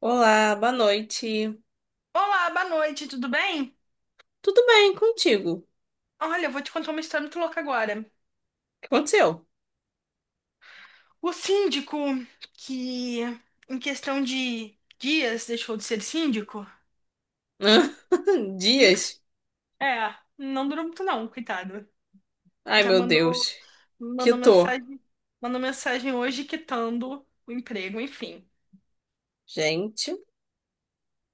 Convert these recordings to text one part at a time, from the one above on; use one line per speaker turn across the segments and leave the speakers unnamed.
Olá, boa noite.
Olá, boa noite, tudo bem?
Tudo bem contigo? O
Olha, eu vou te contar uma história muito louca agora.
que aconteceu?
O síndico que, em questão de dias, deixou de ser síndico.
Dias?
É, não durou muito não, coitado.
Ai,
Já
meu
mandou,
Deus. Que
mandou
tô.
mensagem, mandou mensagem hoje quitando o emprego, enfim.
Gente,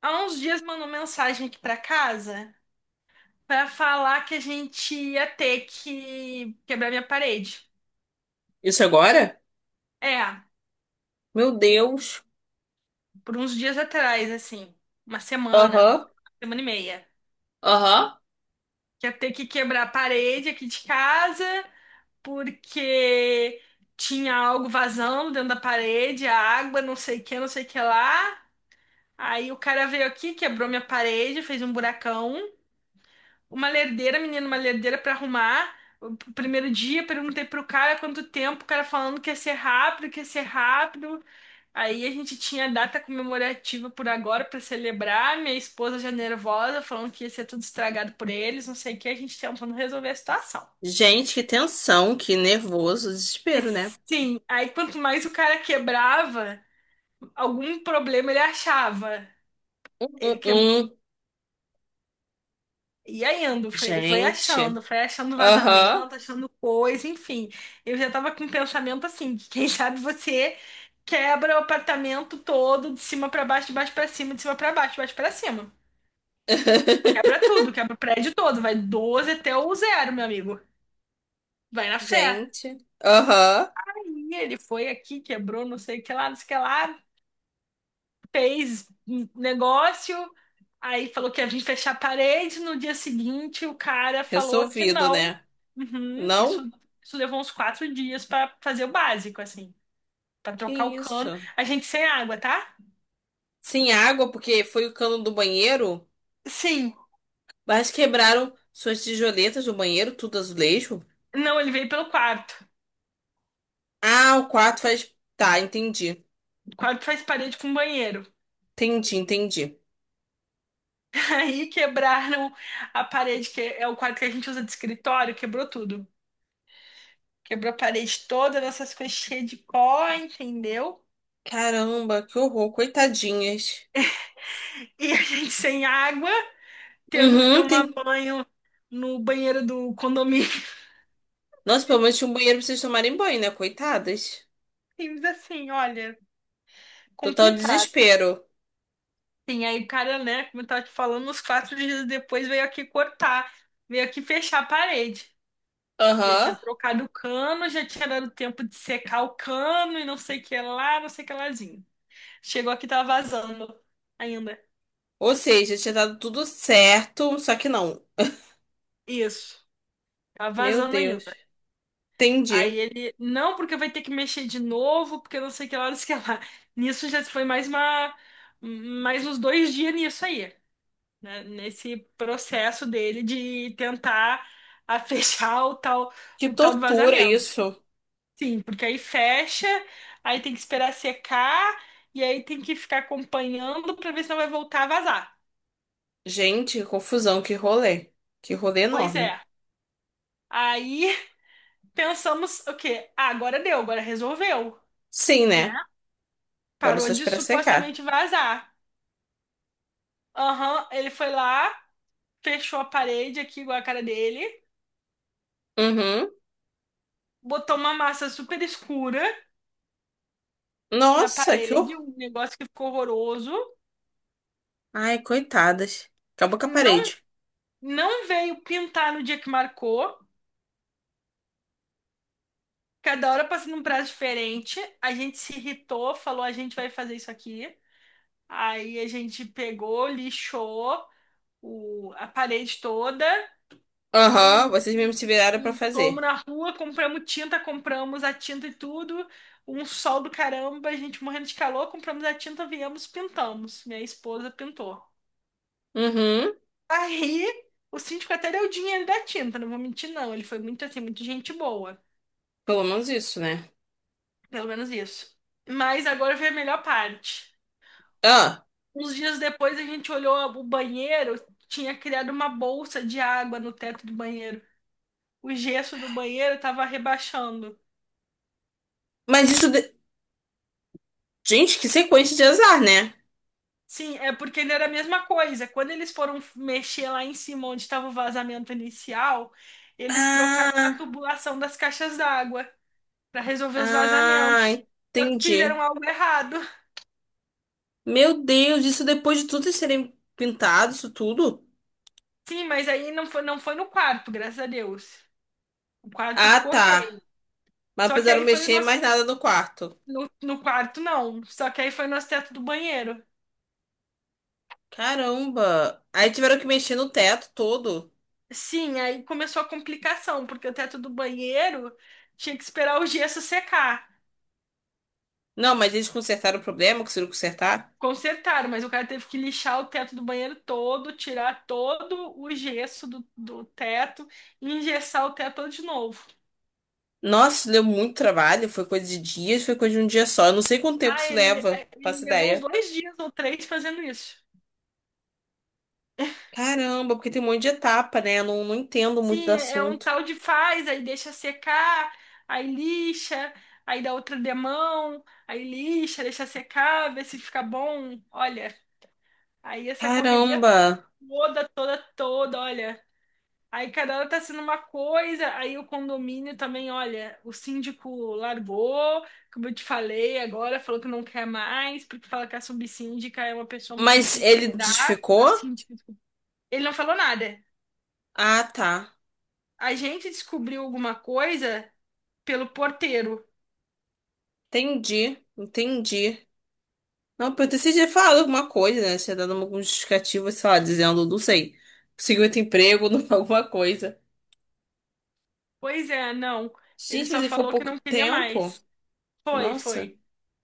Há uns dias mandou mensagem aqui pra casa pra falar que a gente ia ter que quebrar minha parede.
isso é agora?
É,
Meu Deus.
por uns dias atrás, assim, uma
Aham,
semana e meia.
aham.
Que ia ter que quebrar a parede aqui de casa, porque tinha algo vazando dentro da parede, a água, não sei o que, não sei o que lá. Aí o cara veio aqui, quebrou minha parede, fez um buracão. Uma lerdeira, menina, uma lerdeira pra arrumar. O primeiro dia, perguntei pro cara quanto tempo, o cara falando que ia ser rápido, que ia ser rápido. Aí a gente tinha a data comemorativa por agora pra celebrar. Minha esposa já nervosa, falando que ia ser tudo estragado por eles, não sei o que, a gente tentando resolver a situação.
Gente, que tensão, que nervoso,
É,
desespero, né?
Sim, aí quanto mais o cara quebrava, algum problema ele achava.
Hum,
Ele
hum,
que...
hum.
Ia indo, foi
Gente.
achando, foi achando
Aham.
vazamento, achando coisa, enfim. Eu já tava com um pensamento assim, que quem sabe você quebra o apartamento todo, de cima pra baixo, de baixo pra cima, de cima pra baixo, de baixo pra cima. Quebra tudo, quebra o prédio todo, vai 12 até o 0, meu amigo. Vai na fé.
Gente. Aham.
Aí ele foi aqui, quebrou, não sei o que lá, não sei o que lá. Fez um negócio, aí falou que ia vir fechar a parede. No dia seguinte, o cara falou que
Resolvido,
não.
né?
Uhum, isso,
Não?
isso levou uns 4 dias para fazer o básico, assim, para
Que
trocar o cano.
isso?
A gente sem água, tá?
Sem água, porque foi o cano do banheiro?
Sim.
Mas quebraram suas tijoletas do banheiro, tudo azulejo.
Não, ele veio pelo quarto.
Ah, o quarto faz. Tá, entendi.
O quarto faz parede com banheiro.
Entendi, entendi.
Aí quebraram a parede, que é o quarto que a gente usa de escritório, quebrou tudo. Quebrou a parede toda, nossas coisas cheias de pó, entendeu?
Caramba, que horror, coitadinhas.
E a gente sem água, tendo que
Uhum,
tomar
tem.
banho no banheiro do condomínio.
Nossa, pelo menos tinha um banheiro pra vocês tomarem banho, né? Coitadas.
Simples assim, olha,
Total
complicado.
desespero.
Sim, aí o cara, né, como eu tava te falando, uns 4 dias depois veio aqui fechar a parede. Já
Aham.
tinha trocado o cano, já tinha dado tempo de secar o cano e não sei o que lá, não sei o que lázinho. Chegou aqui, tava vazando ainda.
Ou seja, tinha dado tudo certo, só que não.
Isso, tava
Meu
vazando
Deus.
ainda. Aí
Entendi.
ele, não, porque vai ter que mexer de novo, porque não sei que horas que é lá. Nisso já foi mais uns 2 dias nisso aí, né? Nesse processo dele de tentar a fechar o tal,
Que
do
tortura
vazamento.
isso.
Sim, porque aí fecha, aí tem que esperar secar, e aí tem que ficar acompanhando pra ver se não vai voltar a vazar.
Gente, que confusão, que rolê. Que rolê
Pois é.
enorme.
Aí pensamos o quê? Ah, agora deu, agora resolveu,
Sim,
né?
né? Agora é
Parou
só
de
esperar secar.
supostamente vazar. Aham, ele foi lá, fechou a parede aqui, igual a cara dele,
Uhum.
botou uma massa super escura na
Nossa, que
parede,
horror.
um negócio que ficou horroroso.
Ai, coitadas. Acabou com a
Não,
parede.
não veio pintar no dia que marcou. Cada hora passando um prazo diferente. A gente se irritou, falou: a gente vai fazer isso aqui. Aí a gente pegou, lixou a parede toda.
Aham, vocês mesmos se viraram pra
E fomos
fazer.
na rua, compramos a tinta e tudo. Um sol do caramba, a gente morrendo de calor, compramos a tinta, viemos, pintamos. Minha esposa pintou.
Uhum,
Aí, o síndico até deu o dinheiro da tinta, não vou mentir, não. Ele foi muito assim, muito gente boa.
pelo menos isso, né?
Pelo menos isso. Mas agora veio a melhor parte.
Ah,
Uns dias depois a gente olhou o banheiro, tinha criado uma bolsa de água no teto do banheiro. O gesso do banheiro estava rebaixando.
mas isso. de- Gente, que sequência de azar, né?
Sim, é porque ele era a mesma coisa. Quando eles foram mexer lá em cima onde estava o vazamento inicial, eles trocaram a
Ah,
tubulação das caixas d'água para resolver os
ah,
vazamentos. Só que
entendi.
fizeram algo errado.
Meu Deus, isso depois de tudo eles serem pintados, isso tudo?
Sim, mas aí não foi no quarto, graças a Deus. O quarto
Ah,
ficou
tá.
ok.
Mas não
Só que
precisaram
aí foi o
mexer em
nosso.
mais nada no quarto.
No quarto, não. Só que aí foi o nosso teto do banheiro.
Caramba. Aí tiveram que mexer no teto todo.
Sim, aí começou a complicação, porque o teto do banheiro tinha que esperar o gesso secar.
Não, mas eles consertaram o problema, conseguiram consertar?
Consertaram, mas o cara teve que lixar o teto do banheiro todo, tirar todo o gesso do teto e engessar o teto todo de novo.
Nossa, deu muito trabalho, foi coisa de dias, foi coisa de um dia só. Eu não sei quanto tempo
Ah,
isso
ele,
leva,
é, ele
faço
levou uns
ideia.
2 dias ou 3 fazendo isso.
Caramba, porque tem um monte de etapa, né? Eu não entendo muito do
Sim, é um
assunto.
tal de faz, aí deixa secar, aí lixa, aí dá outra demão, aí lixa, deixa secar, vê se fica bom. Olha, aí essa correria
Caramba.
toda, toda, toda, olha. Aí cada hora tá sendo uma coisa, aí o condomínio também, olha, o síndico largou, como eu te falei agora, falou que não quer mais, porque fala que a subsíndica é uma pessoa muito
Mas
difícil
ele
de lidar, a
desficou?
síndica, desculpa. Ele não falou nada.
Ah, tá.
A gente descobriu alguma coisa pelo porteiro.
Entendi, entendi. Não, porque você tinha falado alguma coisa, né? Tinha dado algum justificativo, sei lá, dizendo, não sei, conseguiu outro emprego, não- alguma coisa.
Pois é, não. Ele
Gente, mas
só
ele foi
falou que
pouco
não queria
tempo?
mais. Foi,
Nossa.
foi.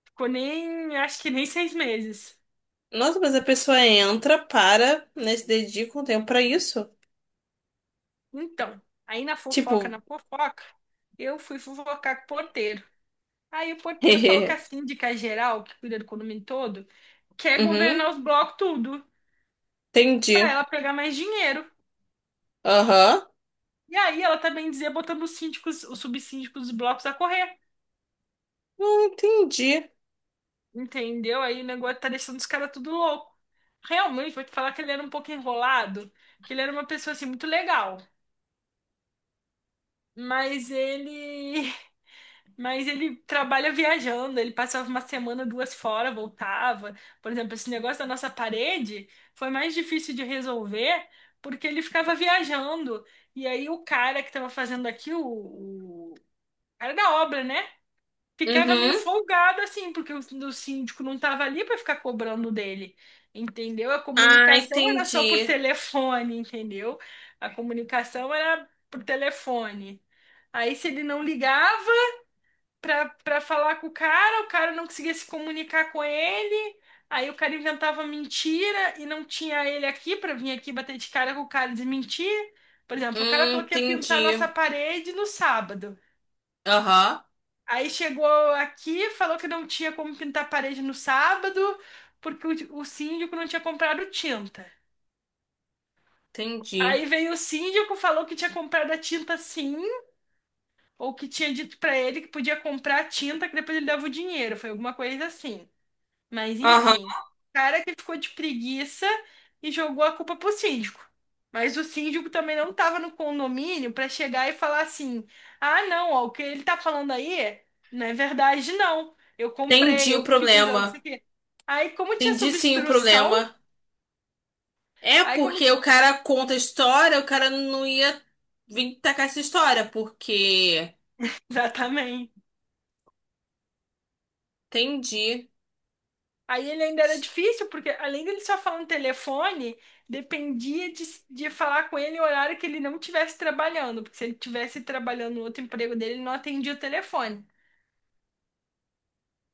Ficou nem, Acho que nem 6 meses.
Nossa, mas a pessoa entra, para, né, se dedica um tempo pra isso.
Então, aí
Tipo,
na fofoca, eu fui fofocar com o porteiro. Aí o porteiro falou que a
hehe.
síndica geral, que cuida do condomínio todo, quer governar
Uhum,
os blocos tudo, pra
entendi.
ela pegar mais dinheiro.
Aham.
E aí ela também dizia botando os síndicos, os subsíndicos dos blocos a correr,
Não entendi.
entendeu? Aí o negócio tá deixando os caras tudo louco. Realmente, vou te falar que ele era um pouco enrolado, que ele era uma pessoa assim muito legal, mas ele Mas ele trabalha viajando, ele passava uma semana, duas fora, voltava. Por exemplo, esse negócio da nossa parede foi mais difícil de resolver porque ele ficava viajando. E aí o cara que estava fazendo aqui, o cara da obra, né? Ficava meio
Uhum.
folgado assim, porque o síndico não estava ali para ficar cobrando dele. Entendeu? A
Ah,
comunicação era só por
entendi.
telefone, entendeu? A comunicação era por telefone. Aí, se ele não ligava, pra falar com o cara não conseguia se comunicar com ele, aí o cara inventava mentira e não tinha ele aqui pra vir aqui bater de cara com o cara e desmentir. Por exemplo, o cara falou que ia pintar
Entendi.
nossa parede no sábado.
Aham,
Aí chegou aqui, falou que não tinha como pintar a parede no sábado, porque o síndico não tinha comprado tinta.
entendi.
Aí veio o síndico, falou que tinha comprado a tinta sim, ou que tinha dito pra ele que podia comprar a tinta, que depois ele dava o dinheiro. Foi alguma coisa assim. Mas
Aham,
enfim, o cara que ficou de preguiça e jogou a culpa pro síndico. Mas o síndico também não estava no condomínio para chegar e falar assim: "Ah, não, ó, o que ele tá falando aí não é verdade não. Eu
entendi
comprei,
o
eu fiz, eu não sei
problema.
o quê". Aí como tinha essa
Entendi sim o
obstrução,
problema. É
aí como
porque o cara conta a história, o cara não ia vir tacar essa história, porque
exatamente
entendi.
aí ele ainda era difícil, porque além dele só falar no telefone, dependia de falar com ele no horário que ele não estivesse trabalhando, porque se ele estivesse trabalhando no outro emprego dele, ele não atendia o telefone.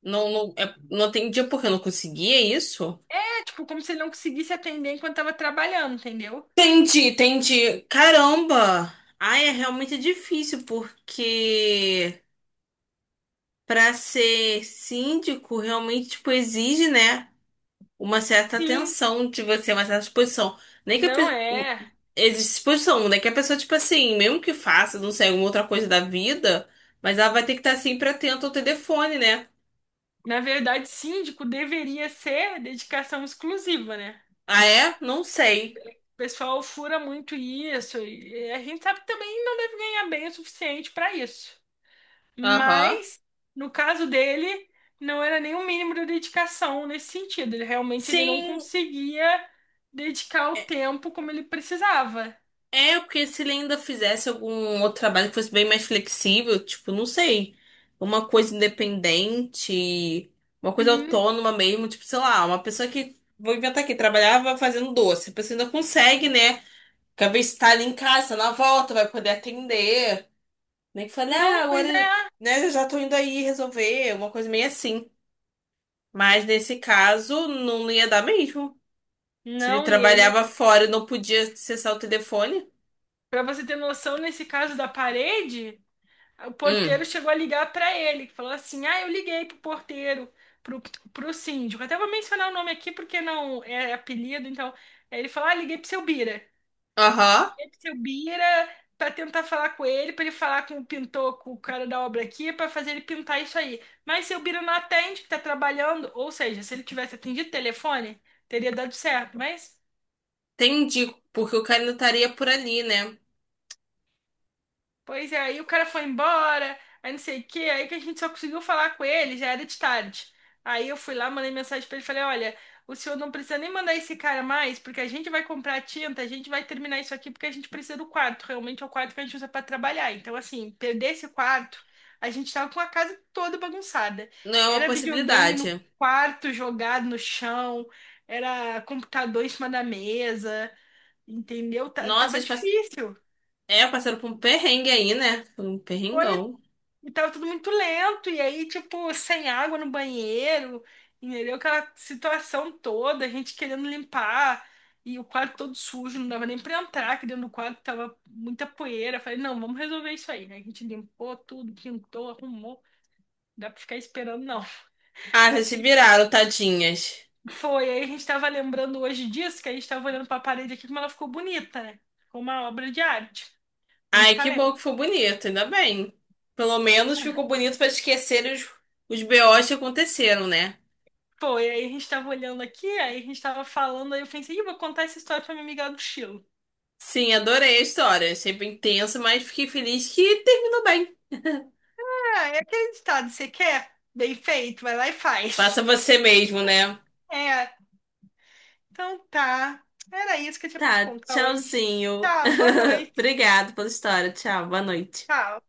Não, não, é, não entendi porque eu não conseguia isso.
É, tipo, como se ele não conseguisse atender enquanto estava trabalhando, entendeu?
Entendi, entendi. Caramba! Ai, é realmente difícil, porque para ser síndico, realmente, tipo, exige, né, uma certa
Sim,
atenção de você, uma certa disposição. Nem que a
não
pe...
é.
existe disposição, né, que a pessoa, tipo assim, mesmo que faça, não sei, alguma outra coisa da vida, mas ela vai ter que estar sempre atenta ao telefone, né?
Na verdade, síndico deveria ser dedicação exclusiva, né?
Ah, é? Não sei.
O pessoal fura muito isso, e a gente sabe que também não deve ganhar bem o suficiente para isso.
Aham.
Mas, no caso dele, não era nem o mínimo de dedicação nesse sentido. Ele realmente ele não
Sim,
conseguia dedicar o tempo como ele precisava.
é, porque se ele ainda fizesse algum outro trabalho que fosse bem mais flexível, tipo, não sei, uma coisa independente, uma coisa
Sim.
autônoma mesmo, tipo, sei lá, uma pessoa que, vou inventar aqui, trabalhava fazendo doce, a pessoa ainda consegue, né? Porque às vezes tá ali em casa, na volta, vai poder atender. Nem que fale, ah,
Não,
agora,
pois é.
né, eu já tô indo aí resolver, uma coisa meio assim. Mas nesse caso, não ia dar mesmo. Se ele
Não, e ele,
trabalhava fora e não podia acessar o telefone.
para você ter noção, nesse caso da parede, o
Hum,
porteiro chegou a ligar para ele, que falou assim: "Ah, eu liguei pro porteiro, pro pro síndico". Até vou mencionar o nome aqui porque não é apelido, então, aí ele falou: "Ah, liguei pro seu Bira".
aham.
Seu Bira para tentar falar com ele, para ele falar com o pintor, com o cara da obra aqui, para fazer ele pintar isso aí. Mas seu Bira não atende, que tá trabalhando, ou seja, se ele tivesse atendido o telefone, teria dado certo,
Entendi, porque o cara ainda estaria por ali, né?
pois é, aí o cara foi embora, aí não sei o quê, aí que a gente só conseguiu falar com ele, já era de tarde. Aí eu fui lá, mandei mensagem pra ele, falei, olha, o senhor não precisa nem mandar esse cara mais, porque a gente vai comprar tinta, a gente vai terminar isso aqui, porque a gente precisa do quarto, realmente é o quarto que a gente usa pra trabalhar. Então, assim, perder esse quarto, a gente tava com a casa toda bagunçada.
Não é uma
Era videogame no
possibilidade.
quarto, jogado no chão, era computador em cima da mesa, entendeu? Ta-
Nossa,
Tava
eles pass...
difícil.
é, passaram por um perrengue aí, né? Foi um
Foi.
perrengão.
E tava tudo muito lento, e aí, tipo, sem água no banheiro, entendeu? Aquela situação toda, a gente querendo limpar, e o quarto todo sujo, não dava nem pra entrar, que dentro do quadro tava muita poeira. Falei, não, vamos resolver isso aí, né? A gente limpou tudo, pintou, arrumou, não dá pra ficar esperando, não.
Ah, vocês se
Achei.
viraram, tadinhas.
Foi, aí a gente tava lembrando hoje disso, que a gente tava olhando pra parede aqui, como ela ficou bonita, né? Ficou uma obra de arte, muito
Ai, que bom
talento.
que foi bonito, ainda bem. Pelo menos ficou bonito pra esquecer os BOs que aconteceram, né?
Pô, e aí a gente tava olhando aqui, aí a gente tava falando, aí eu pensei, ih, vou contar essa história pra minha amiga do Chile.
Sim, adorei a história. Achei bem tenso, mas fiquei feliz que terminou bem.
Ah, é aquele ditado, você quer? Bem feito, vai lá e
Passa
faz.
você mesmo, né?
É, então tá. Era isso que eu tinha pra te
Tá,
contar hoje.
tchauzinho.
Tchau, boa noite.
Obrigado pela história. Tchau, boa noite.
Tchau.